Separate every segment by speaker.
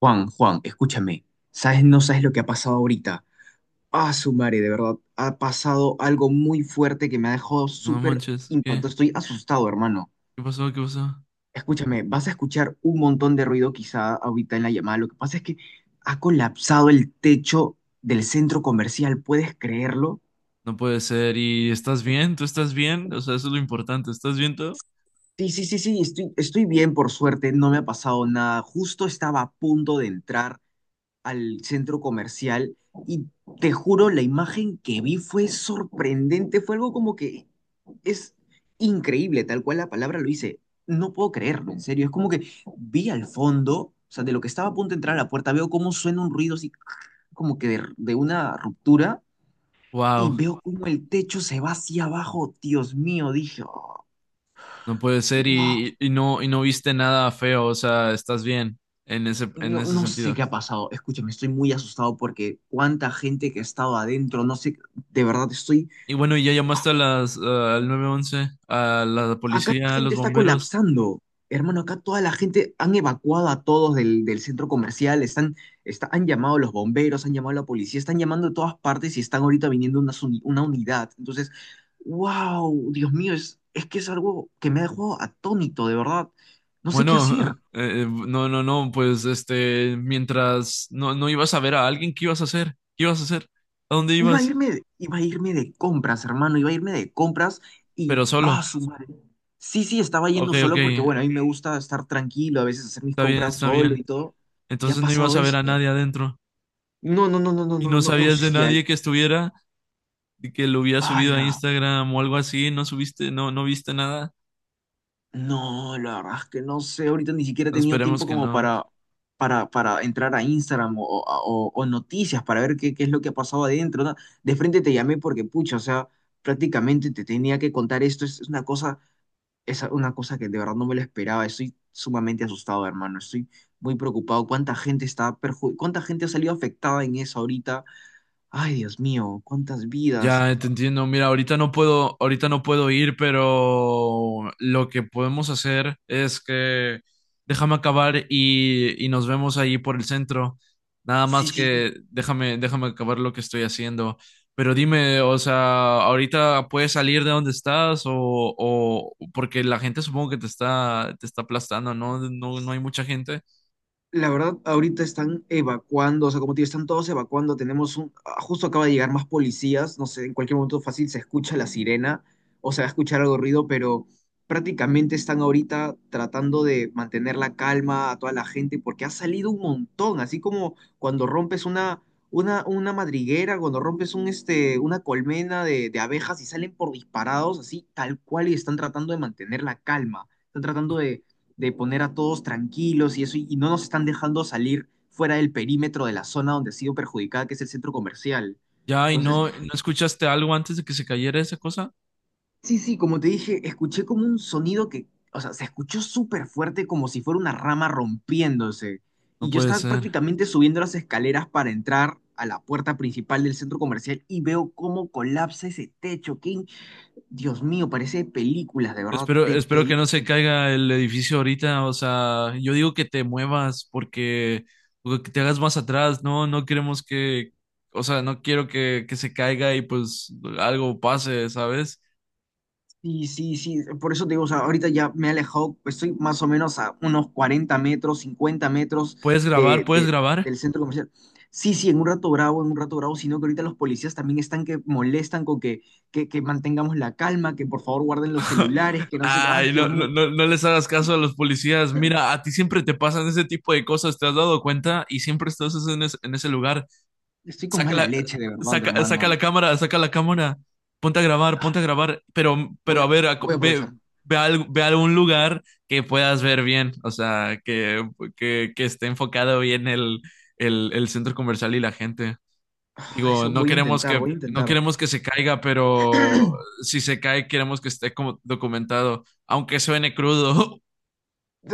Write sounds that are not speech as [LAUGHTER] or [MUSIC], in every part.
Speaker 1: Juan, Juan, escúchame, ¿sabes? No sabes lo que ha pasado ahorita. Ah, su madre, de verdad, ha pasado algo muy fuerte que me ha dejado
Speaker 2: No
Speaker 1: súper
Speaker 2: manches, ¿qué?
Speaker 1: impactado. Estoy asustado, hermano.
Speaker 2: ¿Qué pasó? ¿Qué pasó?
Speaker 1: Escúchame, vas a escuchar un montón de ruido quizá ahorita en la llamada. Lo que pasa es que ha colapsado el techo del centro comercial, ¿puedes creerlo?
Speaker 2: No puede ser. ¿Y estás bien? ¿Tú estás bien? O sea, eso es lo importante. ¿Estás bien tú?
Speaker 1: Sí, sí, sí, sí, estoy bien, por suerte, no me ha pasado nada. Justo estaba a punto de entrar al centro comercial y te juro, la imagen que vi fue sorprendente, fue algo como que es increíble, tal cual la palabra lo dice. No puedo creerlo, en serio. Es como que vi al fondo, o sea, de lo que estaba a punto de entrar a la puerta, veo cómo suena un ruido así como que de una ruptura y
Speaker 2: Wow,
Speaker 1: veo cómo el techo se va hacia abajo. Dios mío, dije: "Oh,
Speaker 2: no puede ser.
Speaker 1: wow".
Speaker 2: Y no, no viste nada feo. O sea, estás bien en ese, en
Speaker 1: no,
Speaker 2: ese
Speaker 1: no sé
Speaker 2: sentido.
Speaker 1: qué ha pasado. Escúchame, estoy muy asustado porque cuánta gente que ha estado adentro, no sé, de verdad estoy.
Speaker 2: Y bueno, ¿y ya llamaste a las, al nueve once, a la
Speaker 1: Acá la
Speaker 2: policía, a los
Speaker 1: gente está
Speaker 2: bomberos?
Speaker 1: colapsando. Hermano, acá toda la gente han evacuado a todos del centro comercial, han llamado a los bomberos, han llamado a la policía, están llamando de todas partes y están ahorita viniendo una unidad. Entonces, wow, Dios mío, es que es algo que me ha dejado atónito, de verdad. No sé qué
Speaker 2: Bueno,
Speaker 1: hacer.
Speaker 2: [LAUGHS] no, no, no, pues mientras no, no ibas a ver a alguien, ¿qué ibas a hacer? ¿Qué ibas a hacer? ¿A dónde
Speaker 1: Iba a
Speaker 2: ibas?
Speaker 1: irme, de- iba a irme de compras, hermano, iba a irme de compras y,
Speaker 2: Pero
Speaker 1: ah,
Speaker 2: solo.
Speaker 1: su madre. Sí, sí, estaba
Speaker 2: Ok,
Speaker 1: yendo
Speaker 2: ok,
Speaker 1: solo porque, bueno, a mí me gusta estar tranquilo, a veces hacer mis
Speaker 2: está bien,
Speaker 1: compras
Speaker 2: está
Speaker 1: solo
Speaker 2: bien.
Speaker 1: y todo. Y ha
Speaker 2: Entonces no ibas
Speaker 1: pasado
Speaker 2: a ver a
Speaker 1: esto.
Speaker 2: nadie adentro
Speaker 1: No, no, no, no, no,
Speaker 2: y
Speaker 1: no,
Speaker 2: no
Speaker 1: no, no
Speaker 2: sabías
Speaker 1: sé
Speaker 2: de
Speaker 1: si al...
Speaker 2: nadie que estuviera y que lo hubiera subido a
Speaker 1: ¡Hala!
Speaker 2: Instagram o algo así, no subiste, no, no viste nada.
Speaker 1: No, la verdad es que no sé, ahorita ni siquiera he tenido
Speaker 2: Esperemos
Speaker 1: tiempo
Speaker 2: que
Speaker 1: como
Speaker 2: no.
Speaker 1: para, para entrar a Instagram, o noticias para ver qué es lo que ha pasado adentro, ¿no? De frente te llamé porque, pucha, o sea, prácticamente te tenía que contar esto, es una cosa que de verdad no me lo esperaba. Estoy sumamente asustado, hermano. Estoy muy preocupado. ¿Cuánta gente ha salido afectada en eso ahorita? Ay, Dios mío, cuántas vidas.
Speaker 2: Ya te entiendo. Mira, ahorita no puedo ir, pero lo que podemos hacer es que déjame acabar y nos vemos ahí por el centro. Nada
Speaker 1: Sí,
Speaker 2: más
Speaker 1: sí, sí.
Speaker 2: que déjame acabar lo que estoy haciendo. Pero dime, o sea, ahorita puedes salir de donde estás o porque la gente supongo que te te está aplastando, ¿no? No, no hay mucha gente.
Speaker 1: La verdad, ahorita están evacuando, o sea, como te digo, están todos evacuando. Justo acaba de llegar más policías, no sé, en cualquier momento fácil se escucha la sirena o se va a escuchar algo de ruido, pero prácticamente están ahorita tratando de mantener la calma a toda la gente porque ha salido un montón, así como cuando rompes una madriguera, cuando rompes una colmena de abejas y salen por disparados, así tal cual, y están tratando de mantener la calma, están tratando de poner a todos tranquilos y eso, y no nos están dejando salir fuera del perímetro de la zona donde ha sido perjudicada, que es el centro comercial.
Speaker 2: Ya, y
Speaker 1: Entonces,
Speaker 2: no, ¿no escuchaste algo antes de que se cayera esa cosa?
Speaker 1: sí, sí, como te dije, escuché como un sonido que, o sea, se escuchó súper fuerte como si fuera una rama rompiéndose.
Speaker 2: No
Speaker 1: Y yo
Speaker 2: puede
Speaker 1: estaba
Speaker 2: ser.
Speaker 1: prácticamente subiendo las escaleras para entrar a la puerta principal del centro comercial y veo cómo colapsa ese techo. Que Dios mío, parece de películas, de verdad, de
Speaker 2: Espero que no se
Speaker 1: películas.
Speaker 2: caiga el edificio ahorita, o sea, yo digo que te muevas porque o que te hagas más atrás, no, no queremos que, o sea, no quiero que se caiga y pues algo pase, ¿sabes?
Speaker 1: Sí, sí, sí, por eso te digo, o sea, ahorita ya me he alejado, pues estoy más o menos a unos 40 metros, 50 metros
Speaker 2: ¿Puedes grabar?
Speaker 1: de,
Speaker 2: ¿Puedes
Speaker 1: de-
Speaker 2: grabar?
Speaker 1: del centro comercial. Sí, sí, en un rato bravo, en un rato bravo, sino que ahorita los policías también están que molestan con que, que mantengamos la calma, que por favor guarden los celulares,
Speaker 2: [LAUGHS]
Speaker 1: que no sé, ah,
Speaker 2: Ay, no,
Speaker 1: Dios
Speaker 2: no,
Speaker 1: mío,
Speaker 2: no, no les hagas caso a los policías. Mira, a ti siempre te pasan ese tipo de cosas, ¿te has dado cuenta? Y siempre estás en ese lugar.
Speaker 1: estoy con
Speaker 2: Saca
Speaker 1: mala leche, de verdad, hermano.
Speaker 2: saca la cámara,
Speaker 1: Ah,
Speaker 2: ponte a grabar,
Speaker 1: Voy
Speaker 2: pero a
Speaker 1: a,
Speaker 2: ver,
Speaker 1: voy a
Speaker 2: ve,
Speaker 1: aprovechar.
Speaker 2: ve, ve a algún lugar que puedas ver bien, o sea, que esté enfocado bien el centro comercial y la gente. Digo,
Speaker 1: Eso
Speaker 2: no
Speaker 1: voy a
Speaker 2: queremos
Speaker 1: intentar,
Speaker 2: que,
Speaker 1: voy a
Speaker 2: no
Speaker 1: intentar.
Speaker 2: queremos que se caiga, pero si se cae, queremos que esté como documentado, aunque suene crudo. [LAUGHS]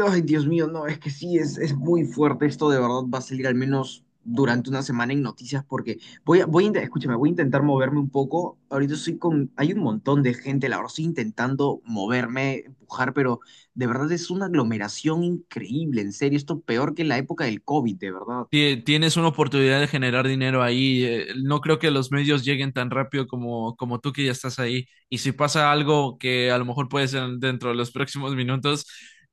Speaker 1: Ay, Dios mío, no, es que sí, es muy fuerte esto, de verdad va a salir al menos durante una semana en noticias porque escúchame, voy a intentar moverme un poco. Ahorita hay un montón de gente, la verdad, estoy intentando moverme, empujar, pero de verdad es una aglomeración increíble, en serio, esto peor que la época del COVID, de verdad.
Speaker 2: Tienes una oportunidad de generar dinero ahí. No creo que los medios lleguen tan rápido como, como tú que ya estás ahí. Y si pasa algo que a lo mejor puede ser dentro de los próximos minutos,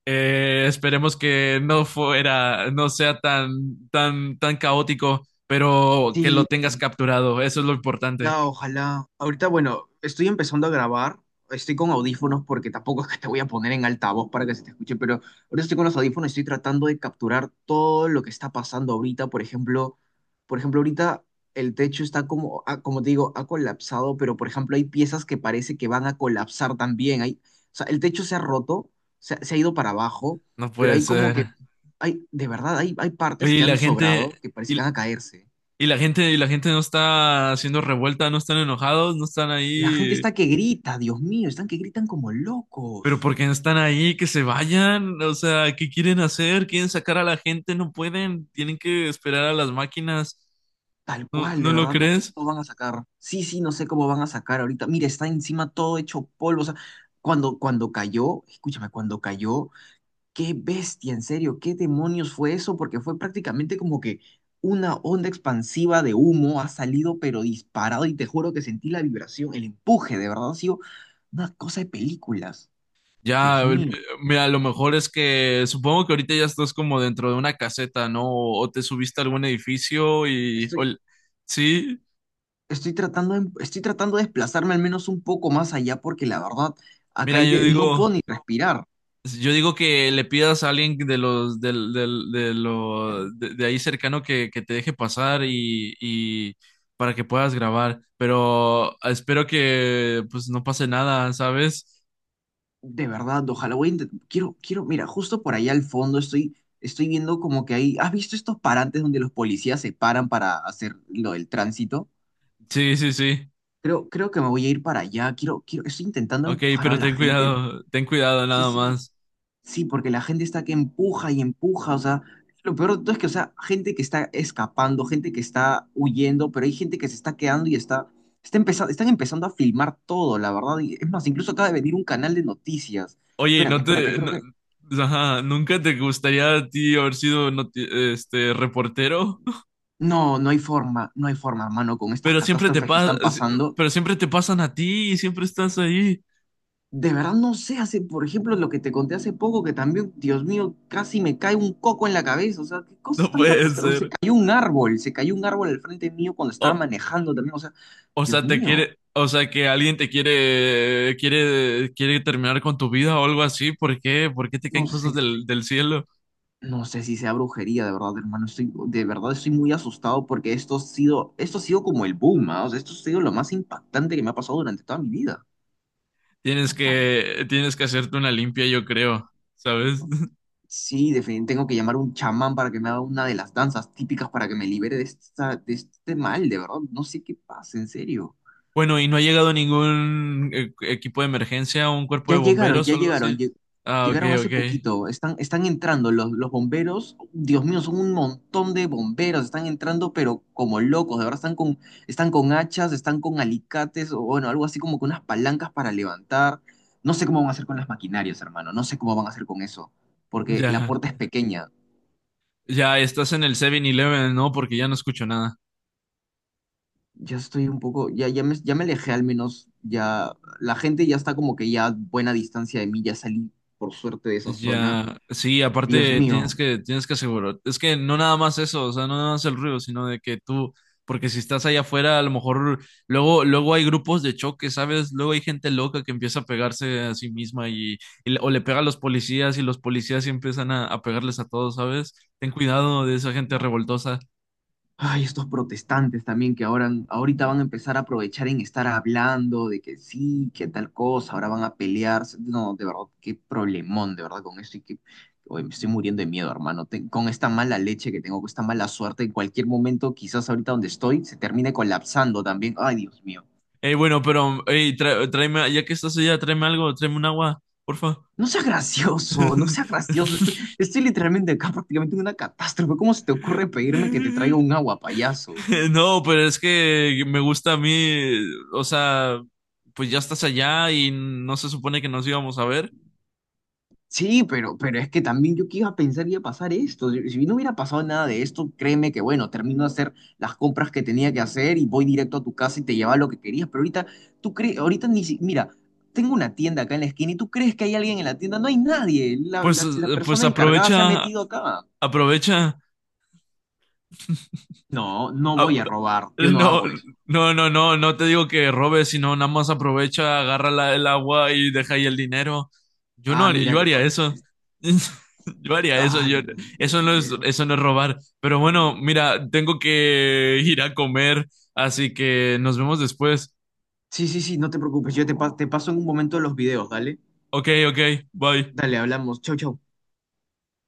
Speaker 2: esperemos que no fuera, no sea tan, tan, tan caótico, pero que lo
Speaker 1: Sí.
Speaker 2: tengas capturado. Eso es lo importante.
Speaker 1: No, ojalá. Ahorita, bueno, estoy empezando a grabar. Estoy con audífonos porque tampoco es que te voy a poner en altavoz para que se te escuche, pero ahorita estoy con los audífonos y estoy tratando de capturar todo lo que está pasando ahorita. Por ejemplo, ahorita el techo está como, como te digo, ha colapsado, pero por ejemplo, hay piezas que parece que van a colapsar también. Hay, o sea, el techo se ha roto, se ha ido para abajo,
Speaker 2: No
Speaker 1: pero
Speaker 2: puede
Speaker 1: hay como que,
Speaker 2: ser.
Speaker 1: hay, de verdad, hay
Speaker 2: Oye,
Speaker 1: partes
Speaker 2: y
Speaker 1: que han
Speaker 2: la gente,
Speaker 1: sobrado que parece que van
Speaker 2: y,
Speaker 1: a caerse.
Speaker 2: y la gente no está haciendo revuelta, no están enojados, no están
Speaker 1: La gente
Speaker 2: ahí.
Speaker 1: está que grita, Dios mío, están que gritan como
Speaker 2: Pero
Speaker 1: locos.
Speaker 2: ¿por qué no están ahí? Que se vayan. O sea, ¿qué quieren hacer? ¿Quieren sacar a la gente? No pueden. Tienen que esperar a las máquinas.
Speaker 1: Tal
Speaker 2: ¿No,
Speaker 1: cual, de
Speaker 2: no lo
Speaker 1: verdad, no sé
Speaker 2: crees?
Speaker 1: cómo van a sacar. Sí, sí, no sé cómo van a sacar ahorita. Mira, está encima todo hecho polvo. O sea, cuando cayó, escúchame, cuando cayó, qué bestia, en serio, qué demonios fue eso, porque fue prácticamente como que una onda expansiva de humo ha salido, pero disparado, y te juro que sentí la vibración, el empuje, de verdad, ha sido una cosa de películas.
Speaker 2: Ya,
Speaker 1: Dios mío.
Speaker 2: mira, lo mejor es que supongo que ahorita ya estás como dentro de una caseta, ¿no? O te subiste a algún edificio y... o
Speaker 1: Estoy,
Speaker 2: sí,
Speaker 1: estoy tratando de desplazarme al menos un poco más allá porque la verdad, acá
Speaker 2: mira,
Speaker 1: hay
Speaker 2: yo
Speaker 1: no puedo
Speaker 2: digo...
Speaker 1: ni respirar.
Speaker 2: Yo digo que le pidas a alguien de los del, del- de, lo, de ahí cercano que te deje pasar y para que puedas grabar, pero espero que pues no pase nada, ¿sabes?
Speaker 1: De verdad, ojalá quiero, mira, justo por allá al fondo estoy viendo como que hay... ¿Has visto estos parantes donde los policías se paran para hacer lo del tránsito?
Speaker 2: Sí, sí, sí.
Speaker 1: Creo que me voy a ir para allá. Quiero, estoy intentando
Speaker 2: Ok,
Speaker 1: empujar a
Speaker 2: pero
Speaker 1: la gente.
Speaker 2: ten cuidado
Speaker 1: Sí,
Speaker 2: nada
Speaker 1: sí,
Speaker 2: más.
Speaker 1: sí, porque la gente está que empuja y empuja, o sea, lo peor de todo es que, o sea, gente que está escapando, gente que está huyendo, pero hay gente que se está quedando y están empezando a filmar todo, la verdad. Y es más, incluso acaba de venir un canal de noticias.
Speaker 2: Oye, ¿y
Speaker 1: Espérate,
Speaker 2: no
Speaker 1: espérate,
Speaker 2: te
Speaker 1: creo que...
Speaker 2: ajá, nunca te gustaría a ti haber sido este reportero? [LAUGHS]
Speaker 1: No, no hay forma, no hay forma, hermano, con estas
Speaker 2: Pero siempre te
Speaker 1: catástrofes que
Speaker 2: pasa,
Speaker 1: están pasando.
Speaker 2: pero siempre te pasan a ti y siempre estás ahí.
Speaker 1: De verdad no sé, por ejemplo, lo que te conté hace poco, que también, Dios mío, casi me cae un coco en la cabeza. O sea, qué
Speaker 2: [LAUGHS]
Speaker 1: cosas
Speaker 2: No
Speaker 1: tan
Speaker 2: puede
Speaker 1: catastróficas. Se
Speaker 2: ser.
Speaker 1: cayó un árbol, se cayó un árbol al frente mío cuando estaba
Speaker 2: O-
Speaker 1: manejando también. O sea,
Speaker 2: O
Speaker 1: Dios
Speaker 2: sea, te
Speaker 1: mío,
Speaker 2: quiere, o sea, que alguien te quiere, quiere terminar con tu vida o algo así. ¿Por qué? ¿Por qué te
Speaker 1: no
Speaker 2: caen cosas
Speaker 1: sé,
Speaker 2: del cielo?
Speaker 1: no sé si sea brujería, de verdad, hermano. De verdad estoy muy asustado porque esto ha sido como el boom, ¿ah? O sea, esto ha sido lo más impactante que me ha pasado durante toda mi vida. What the
Speaker 2: Tienes que hacerte una limpia, yo creo, ¿sabes? [LAUGHS]
Speaker 1: Sí, definitivamente tengo que llamar a un chamán para que me haga una de las danzas típicas para que me libere de este mal, de verdad. No sé qué pasa, en serio.
Speaker 2: Bueno, ¿y no ha llegado ningún equipo de emergencia, un cuerpo
Speaker 1: Ya
Speaker 2: de
Speaker 1: llegaron,
Speaker 2: bomberos o
Speaker 1: ya
Speaker 2: algo así?
Speaker 1: llegaron, lle-
Speaker 2: Ah, ok,
Speaker 1: llegaron hace
Speaker 2: ok.
Speaker 1: poquito. Están entrando los bomberos. Dios mío, son un montón de bomberos. Están entrando, pero como locos. De verdad, están con hachas, están con alicates, o bueno, algo así como con unas palancas para levantar. No sé cómo van a hacer con las maquinarias, hermano. No sé cómo van a hacer con eso. Porque la
Speaker 2: Ya,
Speaker 1: puerta es pequeña.
Speaker 2: ya estás en el 7-Eleven, ¿no? Porque ya no escucho nada.
Speaker 1: Ya estoy un poco, ya, ya me alejé al menos, ya la gente ya está como que ya a buena distancia de mí, ya salí por suerte de esa zona.
Speaker 2: Ya, sí,
Speaker 1: Dios
Speaker 2: aparte
Speaker 1: mío,
Speaker 2: tienes que asegurar, es que no nada más eso, o sea, no nada más el ruido, sino de que tú, porque si estás allá afuera, a lo mejor luego hay grupos de choque, ¿sabes? Luego hay gente loca que empieza a pegarse a sí misma y, o le pega a los policías y los policías sí empiezan a pegarles a todos, ¿sabes? Ten cuidado de esa gente
Speaker 1: Dios mío.
Speaker 2: revoltosa.
Speaker 1: Ay, estos protestantes también que ahora, ahorita van a empezar a aprovechar en estar hablando de que sí, que tal cosa, ahora van a pelearse. No, de verdad, qué problemón, de verdad, con esto y que, oye, me estoy muriendo de miedo, hermano. Con esta mala leche que tengo, con esta mala suerte, en cualquier momento, quizás ahorita donde estoy, se termine colapsando también. Ay, Dios mío.
Speaker 2: Ey, bueno, pero, ey, tráeme, ya que estás allá, tráeme algo, tráeme un agua, porfa.
Speaker 1: No sea gracioso, no sea gracioso. Estoy,
Speaker 2: [LAUGHS]
Speaker 1: estoy literalmente acá prácticamente en una catástrofe. ¿Cómo se te ocurre pedirme que te traiga un agua, payaso?
Speaker 2: [LAUGHS] No, pero es que me gusta a mí, o sea, pues ya estás allá y no se supone que nos íbamos a ver.
Speaker 1: Sí, pero es que también yo que iba a pensar que iba a pasar esto. Si no hubiera pasado nada de esto, créeme que bueno, termino de hacer las compras que tenía que hacer y voy directo a tu casa y te lleva lo que querías. Pero ahorita, tú crees, ahorita ni si, mira, tengo una tienda acá en la esquina y tú crees que hay alguien en la tienda. No hay nadie. La,
Speaker 2: Pues,
Speaker 1: la, la
Speaker 2: pues
Speaker 1: persona encargada se ha
Speaker 2: aprovecha,
Speaker 1: metido acá.
Speaker 2: aprovecha. [LAUGHS]
Speaker 1: No, no
Speaker 2: Ah,
Speaker 1: voy a robar. Yo no
Speaker 2: no,
Speaker 1: hago eso.
Speaker 2: no, no, no, no te digo que robes, sino nada más aprovecha, agarra el agua y deja ahí el dinero. Yo no,
Speaker 1: Ah, mira
Speaker 2: yo
Speaker 1: que.
Speaker 2: haría eso. [LAUGHS] Yo haría eso,
Speaker 1: Ay,
Speaker 2: yo,
Speaker 1: no puede ser.
Speaker 2: eso no es robar. Pero bueno, mira, tengo que ir a comer, así que nos vemos después.
Speaker 1: Sí, sí, sí, no te preocupes. Te paso en un momento los videos, dale.
Speaker 2: Ok, ok, bye.
Speaker 1: Dale, hablamos. Chau, chau.